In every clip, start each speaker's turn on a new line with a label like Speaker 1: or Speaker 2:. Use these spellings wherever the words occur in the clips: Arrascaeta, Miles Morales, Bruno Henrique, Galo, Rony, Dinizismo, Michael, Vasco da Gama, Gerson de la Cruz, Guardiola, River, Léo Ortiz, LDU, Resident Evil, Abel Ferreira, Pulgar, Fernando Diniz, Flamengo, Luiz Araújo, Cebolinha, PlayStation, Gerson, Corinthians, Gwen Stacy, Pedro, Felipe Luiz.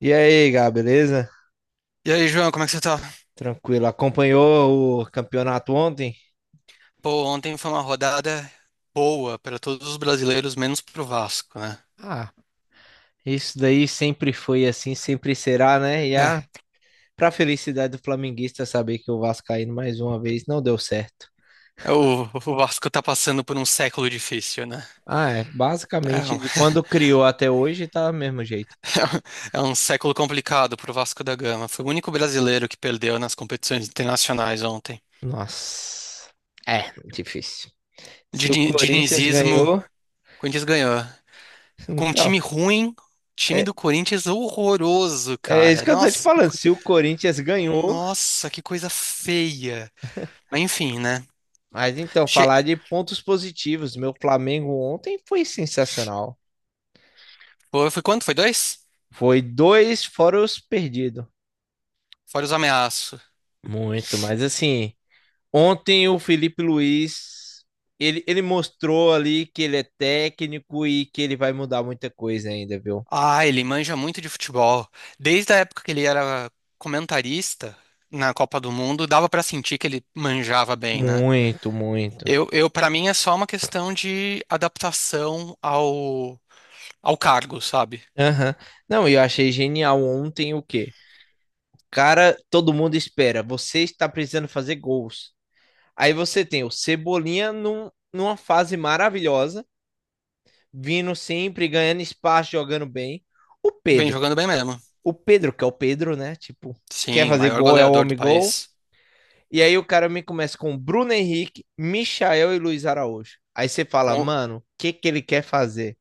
Speaker 1: E aí, Gá, beleza?
Speaker 2: E aí, João, como é que você tá?
Speaker 1: Tranquilo. Acompanhou o campeonato ontem?
Speaker 2: Pô, ontem foi uma rodada boa para todos os brasileiros, menos pro Vasco, né?
Speaker 1: Ah, isso daí sempre foi assim, sempre será, né? E a
Speaker 2: É,
Speaker 1: pra felicidade do flamenguista saber que o Vascaíno mais uma vez não deu certo.
Speaker 2: o Vasco tá passando por um século difícil, né?
Speaker 1: Ah, é.
Speaker 2: É
Speaker 1: Basicamente,
Speaker 2: um,
Speaker 1: de quando criou até hoje, tá do mesmo jeito.
Speaker 2: é um século complicado pro Vasco da Gama. Foi o único brasileiro que perdeu nas competições internacionais ontem.
Speaker 1: Nossa. É, difícil. Se o Corinthians
Speaker 2: Dinizismo, o
Speaker 1: ganhou,
Speaker 2: Corinthians ganhou. Com um
Speaker 1: então.
Speaker 2: time ruim, time
Speaker 1: É,
Speaker 2: do Corinthians horroroso,
Speaker 1: é isso
Speaker 2: cara.
Speaker 1: que eu tô te falando. Se o Corinthians ganhou,
Speaker 2: Nossa, que coisa feia. Mas enfim, né?
Speaker 1: mas então,
Speaker 2: Che-
Speaker 1: falar de pontos positivos. Meu Flamengo ontem foi sensacional.
Speaker 2: foi quanto? Foi dois?
Speaker 1: Foi dois fora os perdidos.
Speaker 2: Fora os ameaços.
Speaker 1: Muito, mas assim, ontem o Felipe Luiz, ele mostrou ali que ele é técnico e que ele vai mudar muita coisa ainda, viu?
Speaker 2: Ah, ele manja muito de futebol. Desde a época que ele era comentarista na Copa do Mundo, dava pra sentir que ele manjava bem, né?
Speaker 1: Muito, muito.
Speaker 2: Eu para mim é só uma questão de adaptação ao cargo, sabe?
Speaker 1: Aham. Não, eu achei genial ontem o quê? Cara, todo mundo espera, você está precisando fazer gols. Aí você tem o Cebolinha numa fase maravilhosa, vindo sempre, ganhando espaço, jogando bem. O
Speaker 2: Vem
Speaker 1: Pedro
Speaker 2: jogando bem mesmo.
Speaker 1: o Pedro, que é o Pedro, né? Tipo, quer
Speaker 2: Sim, o
Speaker 1: fazer
Speaker 2: maior
Speaker 1: gol, é o
Speaker 2: goleador do
Speaker 1: homem gol.
Speaker 2: país.
Speaker 1: E aí o cara me começa com Bruno Henrique, Michael e Luiz Araújo. Aí você fala,
Speaker 2: Com,
Speaker 1: mano, o que que ele quer fazer?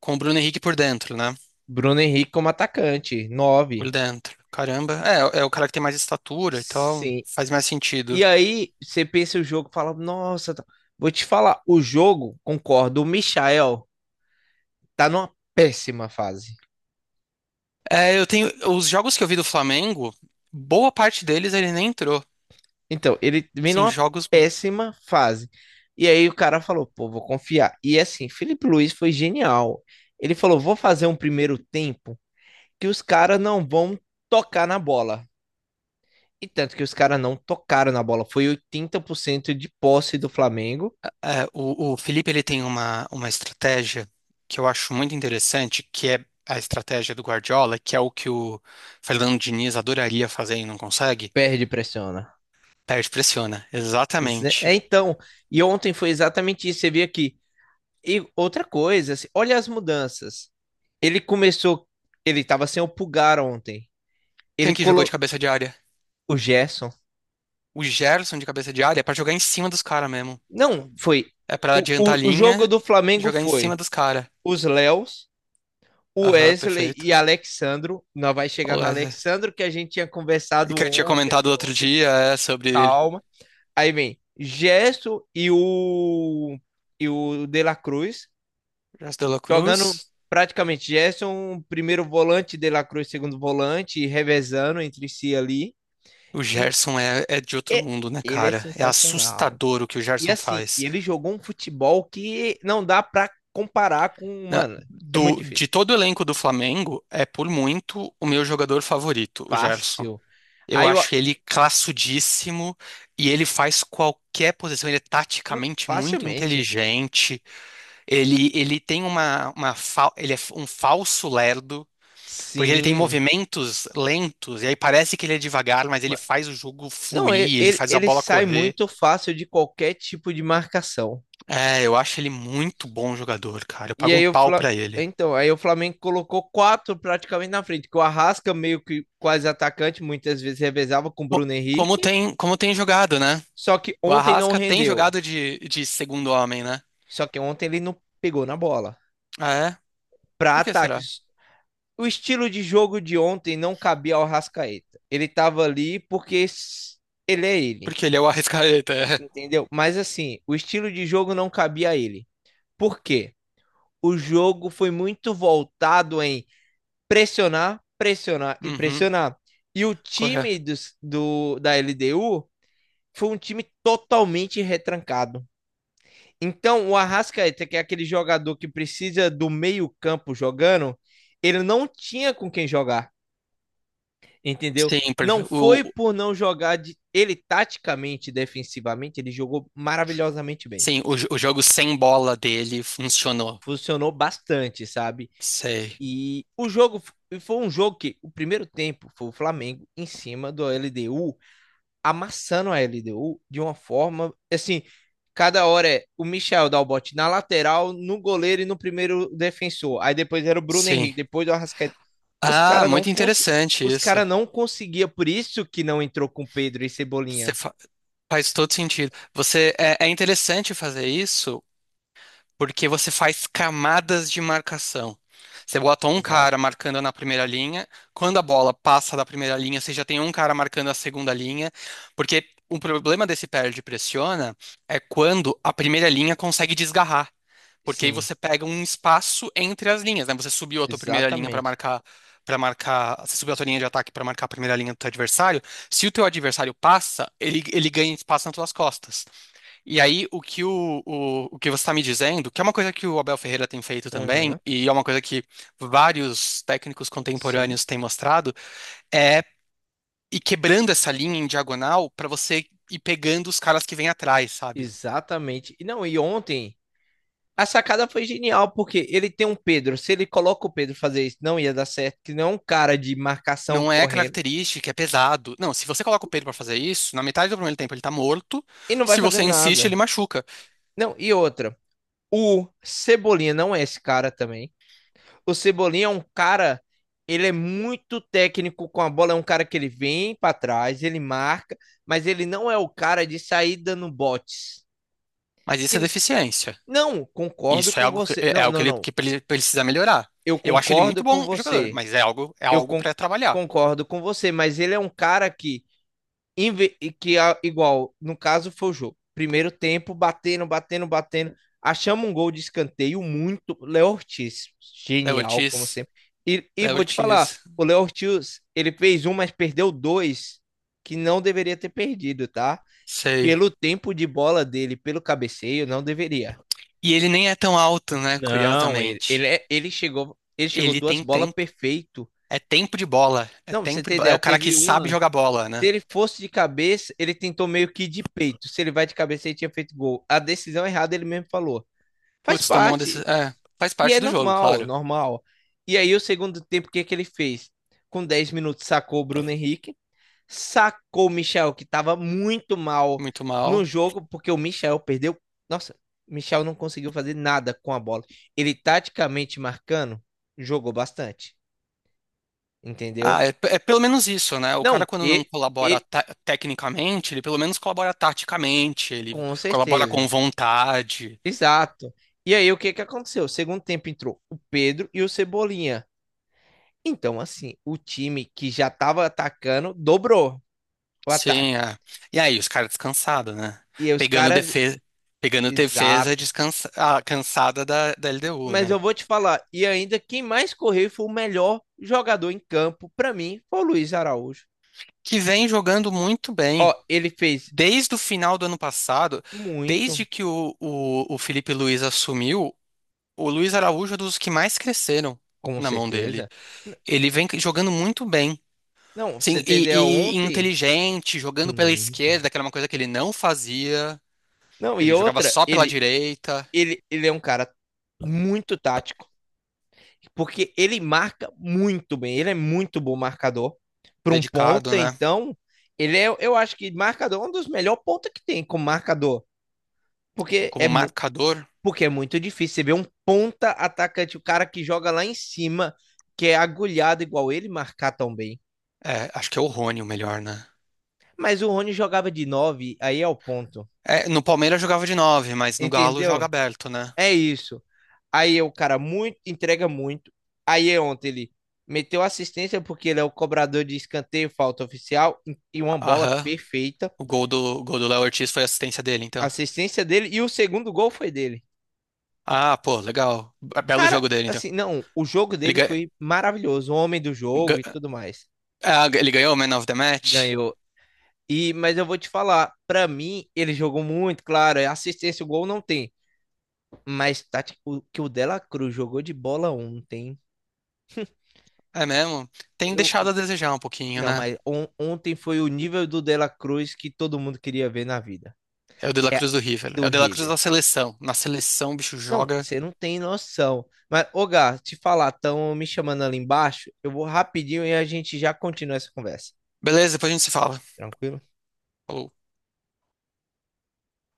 Speaker 2: com o Bruno Henrique por dentro, né?
Speaker 1: Bruno Henrique como atacante,
Speaker 2: Por
Speaker 1: nove.
Speaker 2: dentro. Caramba. É o cara que tem mais estatura e tal.
Speaker 1: Sim.
Speaker 2: Faz mais
Speaker 1: E
Speaker 2: sentido.
Speaker 1: aí você pensa o jogo, fala, nossa, vou te falar, o jogo, concordo, o Michael tá numa péssima fase.
Speaker 2: É, eu tenho. Os jogos que eu vi do Flamengo, boa parte deles ele nem entrou.
Speaker 1: Então, ele vem
Speaker 2: Sim,
Speaker 1: numa
Speaker 2: jogos.
Speaker 1: péssima fase. E aí o cara falou, pô, vou confiar. E assim, Felipe Luiz foi genial. Ele falou, vou fazer um primeiro tempo que os caras não vão tocar na bola. E tanto que os caras não tocaram na bola. Foi 80% de posse do Flamengo.
Speaker 2: O Felipe ele tem uma estratégia que eu acho muito interessante, que é a estratégia do Guardiola, que é o que o Fernando Diniz adoraria fazer e não consegue.
Speaker 1: Perde e pressiona.
Speaker 2: Perde, pressiona.
Speaker 1: É,
Speaker 2: Exatamente.
Speaker 1: então, e ontem foi exatamente isso. Você vê aqui. E outra coisa, assim, olha as mudanças. Ele começou, ele tava sem o Pulgar ontem.
Speaker 2: Quem
Speaker 1: Ele
Speaker 2: que jogou de
Speaker 1: colocou
Speaker 2: cabeça de área?
Speaker 1: o Gerson.
Speaker 2: O Gerson de cabeça de área é pra jogar em cima dos caras mesmo.
Speaker 1: Não, foi.
Speaker 2: É pra
Speaker 1: O,
Speaker 2: adiantar a
Speaker 1: o, o jogo
Speaker 2: linha
Speaker 1: do
Speaker 2: e
Speaker 1: Flamengo
Speaker 2: jogar em cima
Speaker 1: foi
Speaker 2: dos caras.
Speaker 1: os Léos, o
Speaker 2: Aham,
Speaker 1: Wesley e
Speaker 2: perfeito.
Speaker 1: Alexandro. Nós vai chegar no
Speaker 2: Olha,
Speaker 1: Alexandro que a gente tinha
Speaker 2: e
Speaker 1: conversado
Speaker 2: que eu tinha
Speaker 1: ontem,
Speaker 2: comentado outro
Speaker 1: anteontem,
Speaker 2: dia é sobre ele.
Speaker 1: calma. Aí vem Gesso e o De La Cruz
Speaker 2: Gerson de la
Speaker 1: jogando
Speaker 2: Cruz.
Speaker 1: praticamente Gerson, primeiro volante, De La Cruz, segundo volante, revezando entre si ali.
Speaker 2: O
Speaker 1: E
Speaker 2: Gerson é de outro
Speaker 1: é-
Speaker 2: mundo, né,
Speaker 1: ele é
Speaker 2: cara? É
Speaker 1: sensacional.
Speaker 2: assustador o que o
Speaker 1: E
Speaker 2: Gerson
Speaker 1: assim, e
Speaker 2: faz.
Speaker 1: ele jogou um futebol que não dá pra comparar com, mano, é muito
Speaker 2: De
Speaker 1: difícil.
Speaker 2: todo o elenco do Flamengo, é por muito o meu jogador favorito, o Gerson.
Speaker 1: Fácil.
Speaker 2: Eu
Speaker 1: Aí eu,
Speaker 2: acho ele classudíssimo e ele faz qualquer posição. Ele é
Speaker 1: hum,
Speaker 2: taticamente muito
Speaker 1: facilmente.
Speaker 2: inteligente. Ele tem ele é um falso lerdo, porque ele tem
Speaker 1: Sim.
Speaker 2: movimentos lentos e aí parece que ele é devagar, mas ele
Speaker 1: Ma-
Speaker 2: faz o jogo
Speaker 1: Não, ele,
Speaker 2: fluir, ele
Speaker 1: ele,
Speaker 2: faz a
Speaker 1: ele
Speaker 2: bola
Speaker 1: sai
Speaker 2: correr.
Speaker 1: muito fácil de qualquer tipo de marcação.
Speaker 2: É, eu acho ele muito bom jogador, cara. Eu
Speaker 1: E
Speaker 2: pago um
Speaker 1: aí o
Speaker 2: pau pra ele.
Speaker 1: Então, aí o Flamengo colocou quatro praticamente na frente, que o Arrasca meio que quase atacante, muitas vezes revezava com o
Speaker 2: Co-
Speaker 1: Bruno Henrique,
Speaker 2: Como tem jogado, né?
Speaker 1: só que
Speaker 2: O
Speaker 1: ontem não
Speaker 2: Arrasca tem
Speaker 1: rendeu.
Speaker 2: jogado de segundo homem, né?
Speaker 1: Só que ontem ele não pegou na bola.
Speaker 2: Ah, é?
Speaker 1: Para
Speaker 2: Por que será?
Speaker 1: ataques o estilo de jogo de ontem não cabia ao Rascaeta. Ele tava ali porque ele é ele,
Speaker 2: Porque ele é o Arrascaeta. é.
Speaker 1: entendeu? Mas assim, o estilo de jogo não cabia a ele. Por quê? O jogo foi muito voltado em pressionar, pressionar e
Speaker 2: Uhum,
Speaker 1: pressionar. E o time
Speaker 2: correto.
Speaker 1: do da LDU foi um time totalmente retrancado. Então, o Arrascaeta, que é aquele jogador que precisa do meio-campo jogando, ele não tinha com quem jogar, entendeu?
Speaker 2: Sim, porque
Speaker 1: Não
Speaker 2: o,
Speaker 1: foi por não jogar de... ele taticamente, defensivamente, ele jogou maravilhosamente bem.
Speaker 2: sim, o o jogo sem bola dele funcionou.
Speaker 1: Funcionou bastante, sabe?
Speaker 2: Sei.
Speaker 1: E o jogo foi um jogo que o primeiro tempo foi o Flamengo em cima do LDU, amassando a LDU de uma forma assim, cada hora é o Michel dá o bote na lateral, no goleiro e no primeiro defensor. Aí depois era o Bruno
Speaker 2: Sim.
Speaker 1: Henrique, depois o Arrascaeta. Os
Speaker 2: Ah,
Speaker 1: caras não
Speaker 2: muito interessante
Speaker 1: os
Speaker 2: isso.
Speaker 1: cara não conseguia, por isso que não entrou com Pedro e
Speaker 2: Você
Speaker 1: Cebolinha,
Speaker 2: fa- faz todo sentido. Você é, é interessante fazer isso. Porque você faz camadas de marcação. Você bota um
Speaker 1: exato.
Speaker 2: cara marcando na primeira linha, quando a bola passa da primeira linha, você já tem um cara marcando a segunda linha, porque o problema desse perde pressiona é quando a primeira linha consegue desgarrar. Porque aí
Speaker 1: Sim,
Speaker 2: você pega um espaço entre as linhas, né? Você subiu a tua primeira linha
Speaker 1: exatamente.
Speaker 2: para marcar, você subiu a tua linha de ataque para marcar a primeira linha do teu adversário. Se o teu adversário passa, ele ganha espaço nas tuas costas. E aí, o que você está me dizendo, que é uma coisa que o Abel Ferreira tem feito também,
Speaker 1: Aham,
Speaker 2: e é uma coisa que vários técnicos
Speaker 1: sim,
Speaker 2: contemporâneos têm mostrado, é ir quebrando essa linha em diagonal para você ir pegando os caras que vêm atrás, sabe?
Speaker 1: exatamente. E não, e ontem a sacada foi genial, porque ele tem um Pedro. Se ele coloca o Pedro fazer isso, não ia dar certo, que não é um cara de marcação
Speaker 2: Não é
Speaker 1: correndo
Speaker 2: característica, é pesado. Não, se você coloca o Pedro para fazer isso, na metade do primeiro tempo ele tá morto,
Speaker 1: e não vai
Speaker 2: se
Speaker 1: fazer
Speaker 2: você insiste,
Speaker 1: nada.
Speaker 2: ele machuca.
Speaker 1: Não, e outra, o Cebolinha não é esse cara também. O Cebolinha é um cara, ele é muito técnico com a bola, é um cara que ele vem pra trás, ele marca, mas ele não é o cara de sair dando botes.
Speaker 2: Mas isso é deficiência.
Speaker 1: Não, concordo
Speaker 2: Isso é
Speaker 1: com
Speaker 2: algo que,
Speaker 1: você.
Speaker 2: é
Speaker 1: Não,
Speaker 2: algo que
Speaker 1: não, não.
Speaker 2: ele precisa melhorar.
Speaker 1: Eu
Speaker 2: Eu acho ele muito
Speaker 1: concordo com
Speaker 2: bom jogador,
Speaker 1: você.
Speaker 2: mas é
Speaker 1: Eu
Speaker 2: algo
Speaker 1: con-
Speaker 2: para trabalhar.
Speaker 1: concordo com você, mas ele é um cara que, e que igual, no caso foi o jogo. Primeiro tempo, batendo, batendo, batendo. Achamos um gol de escanteio muito. Léo Ortiz,
Speaker 2: É o
Speaker 1: genial, como
Speaker 2: Ortiz.
Speaker 1: sempre. E vou te falar,
Speaker 2: Ortiz,
Speaker 1: o Léo Ortiz, ele fez um, mas perdeu dois que não deveria ter perdido, tá?
Speaker 2: sei.
Speaker 1: Pelo tempo de bola dele, pelo cabeceio, não deveria.
Speaker 2: E ele nem é tão alto, né?
Speaker 1: Não,
Speaker 2: Curiosamente.
Speaker 1: ele chegou
Speaker 2: Ele
Speaker 1: duas
Speaker 2: tem
Speaker 1: bolas
Speaker 2: tempo.
Speaker 1: perfeito.
Speaker 2: É tempo de bola. É
Speaker 1: Não, pra você
Speaker 2: tempo de
Speaker 1: ter
Speaker 2: bola. É
Speaker 1: ideia,
Speaker 2: o cara que
Speaker 1: teve
Speaker 2: sabe
Speaker 1: uma.
Speaker 2: jogar bola,
Speaker 1: Se
Speaker 2: né?
Speaker 1: ele fosse de cabeça, ele tentou meio que de peito. Se ele vai de cabeça, ele tinha feito gol. A decisão errada, ele mesmo falou. Faz
Speaker 2: Putz, tomou uma
Speaker 1: parte.
Speaker 2: decisão. É, faz
Speaker 1: E é
Speaker 2: parte do jogo,
Speaker 1: normal,
Speaker 2: claro.
Speaker 1: normal. E aí, o segundo tempo, o que que ele fez? Com 10 minutos, sacou o Bruno Henrique sacou o Michel, que estava muito mal
Speaker 2: Muito
Speaker 1: no
Speaker 2: mal.
Speaker 1: jogo, porque o Michel perdeu. Nossa, o Michel não conseguiu fazer nada com a bola. Ele taticamente marcando, jogou bastante, entendeu?
Speaker 2: Ah, é, é pelo menos isso, né? O
Speaker 1: Não,
Speaker 2: cara, quando não
Speaker 1: e,
Speaker 2: colabora
Speaker 1: e
Speaker 2: tecnicamente, ele pelo menos colabora taticamente, ele
Speaker 1: com
Speaker 2: colabora
Speaker 1: certeza.
Speaker 2: com vontade.
Speaker 1: Exato. E aí, o que que aconteceu? Segundo tempo entrou o Pedro e o Cebolinha. Então, assim, o time que já estava atacando dobrou o
Speaker 2: Sim,
Speaker 1: ataque.
Speaker 2: é. E aí, os caras descansados, né?
Speaker 1: E aí os
Speaker 2: Pegando
Speaker 1: caras.
Speaker 2: defesa, pegando defesa
Speaker 1: Exato.
Speaker 2: descansa, ah, cansada da LDU,
Speaker 1: Mas eu
Speaker 2: né?
Speaker 1: vou te falar, e ainda quem mais correu foi o melhor jogador em campo, pra mim, foi o Luiz Araújo.
Speaker 2: Que vem jogando muito bem.
Speaker 1: Ó, ele fez
Speaker 2: Desde o final do ano passado,
Speaker 1: muito,
Speaker 2: desde que o Felipe Luiz assumiu, o Luiz Araújo é dos que mais cresceram
Speaker 1: com
Speaker 2: na mão dele.
Speaker 1: certeza. N-
Speaker 2: Ele vem jogando muito bem.
Speaker 1: Não, você
Speaker 2: Sim,
Speaker 1: tem
Speaker 2: e
Speaker 1: ontem?
Speaker 2: inteligente, jogando pela
Speaker 1: Muito.
Speaker 2: esquerda, que era uma coisa que ele não fazia.
Speaker 1: Não, e
Speaker 2: Ele jogava
Speaker 1: outra,
Speaker 2: só pela
Speaker 1: ele,
Speaker 2: direita,
Speaker 1: ele, ele é um cara muito tático, porque ele marca muito bem, ele é muito bom marcador. Para um
Speaker 2: dedicado,
Speaker 1: ponta,
Speaker 2: né?
Speaker 1: então, ele é, eu acho que marcador é um dos melhores pontas que tem como marcador, porque
Speaker 2: Como marcador.
Speaker 1: porque é muito difícil. Você vê um ponta atacante, o cara que joga lá em cima, que é agulhado igual ele, marcar tão bem.
Speaker 2: É, acho que é o Rony o melhor, né?
Speaker 1: Mas o Rony jogava de 9, aí é o ponto.
Speaker 2: É, no Palmeiras jogava de nove, mas no Galo joga
Speaker 1: Entendeu?
Speaker 2: aberto, né?
Speaker 1: É isso. Aí é o cara muito, entrega muito. Aí é ontem ele meteu assistência porque ele é o cobrador de escanteio, falta oficial e uma bola
Speaker 2: Aham.
Speaker 1: perfeita.
Speaker 2: O gol do Léo Ortiz foi assistência dele, então.
Speaker 1: Assistência dele e o segundo gol foi dele.
Speaker 2: Ah, pô, legal. Belo
Speaker 1: Cara,
Speaker 2: jogo dele, então.
Speaker 1: assim, não, o jogo
Speaker 2: Ele,
Speaker 1: dele
Speaker 2: ga-
Speaker 1: foi maravilhoso, o homem do jogo e
Speaker 2: ga-
Speaker 1: tudo mais.
Speaker 2: ah, ele ganhou o Man of the Match?
Speaker 1: Ganhou. E, mas eu vou te falar, pra mim, ele jogou muito, claro, é assistência, o gol não tem. Mas tá, tipo, o que o Dela Cruz jogou de bola ontem.
Speaker 2: É mesmo? Tem
Speaker 1: Eu,
Speaker 2: deixado a desejar um pouquinho,
Speaker 1: não,
Speaker 2: né?
Speaker 1: mas ontem foi o nível do Dela Cruz que todo mundo queria ver na vida.
Speaker 2: É o De La
Speaker 1: Que é
Speaker 2: Cruz do River. Né? É
Speaker 1: do
Speaker 2: o De La Cruz
Speaker 1: River.
Speaker 2: da seleção. Na seleção, o bicho
Speaker 1: Não,
Speaker 2: joga.
Speaker 1: você não tem noção. Mas, ô Gá, te falar, estão me chamando ali embaixo. Eu vou rapidinho e a gente já continua essa conversa.
Speaker 2: Beleza, depois a gente se fala.
Speaker 1: Tranquilo?
Speaker 2: Falou.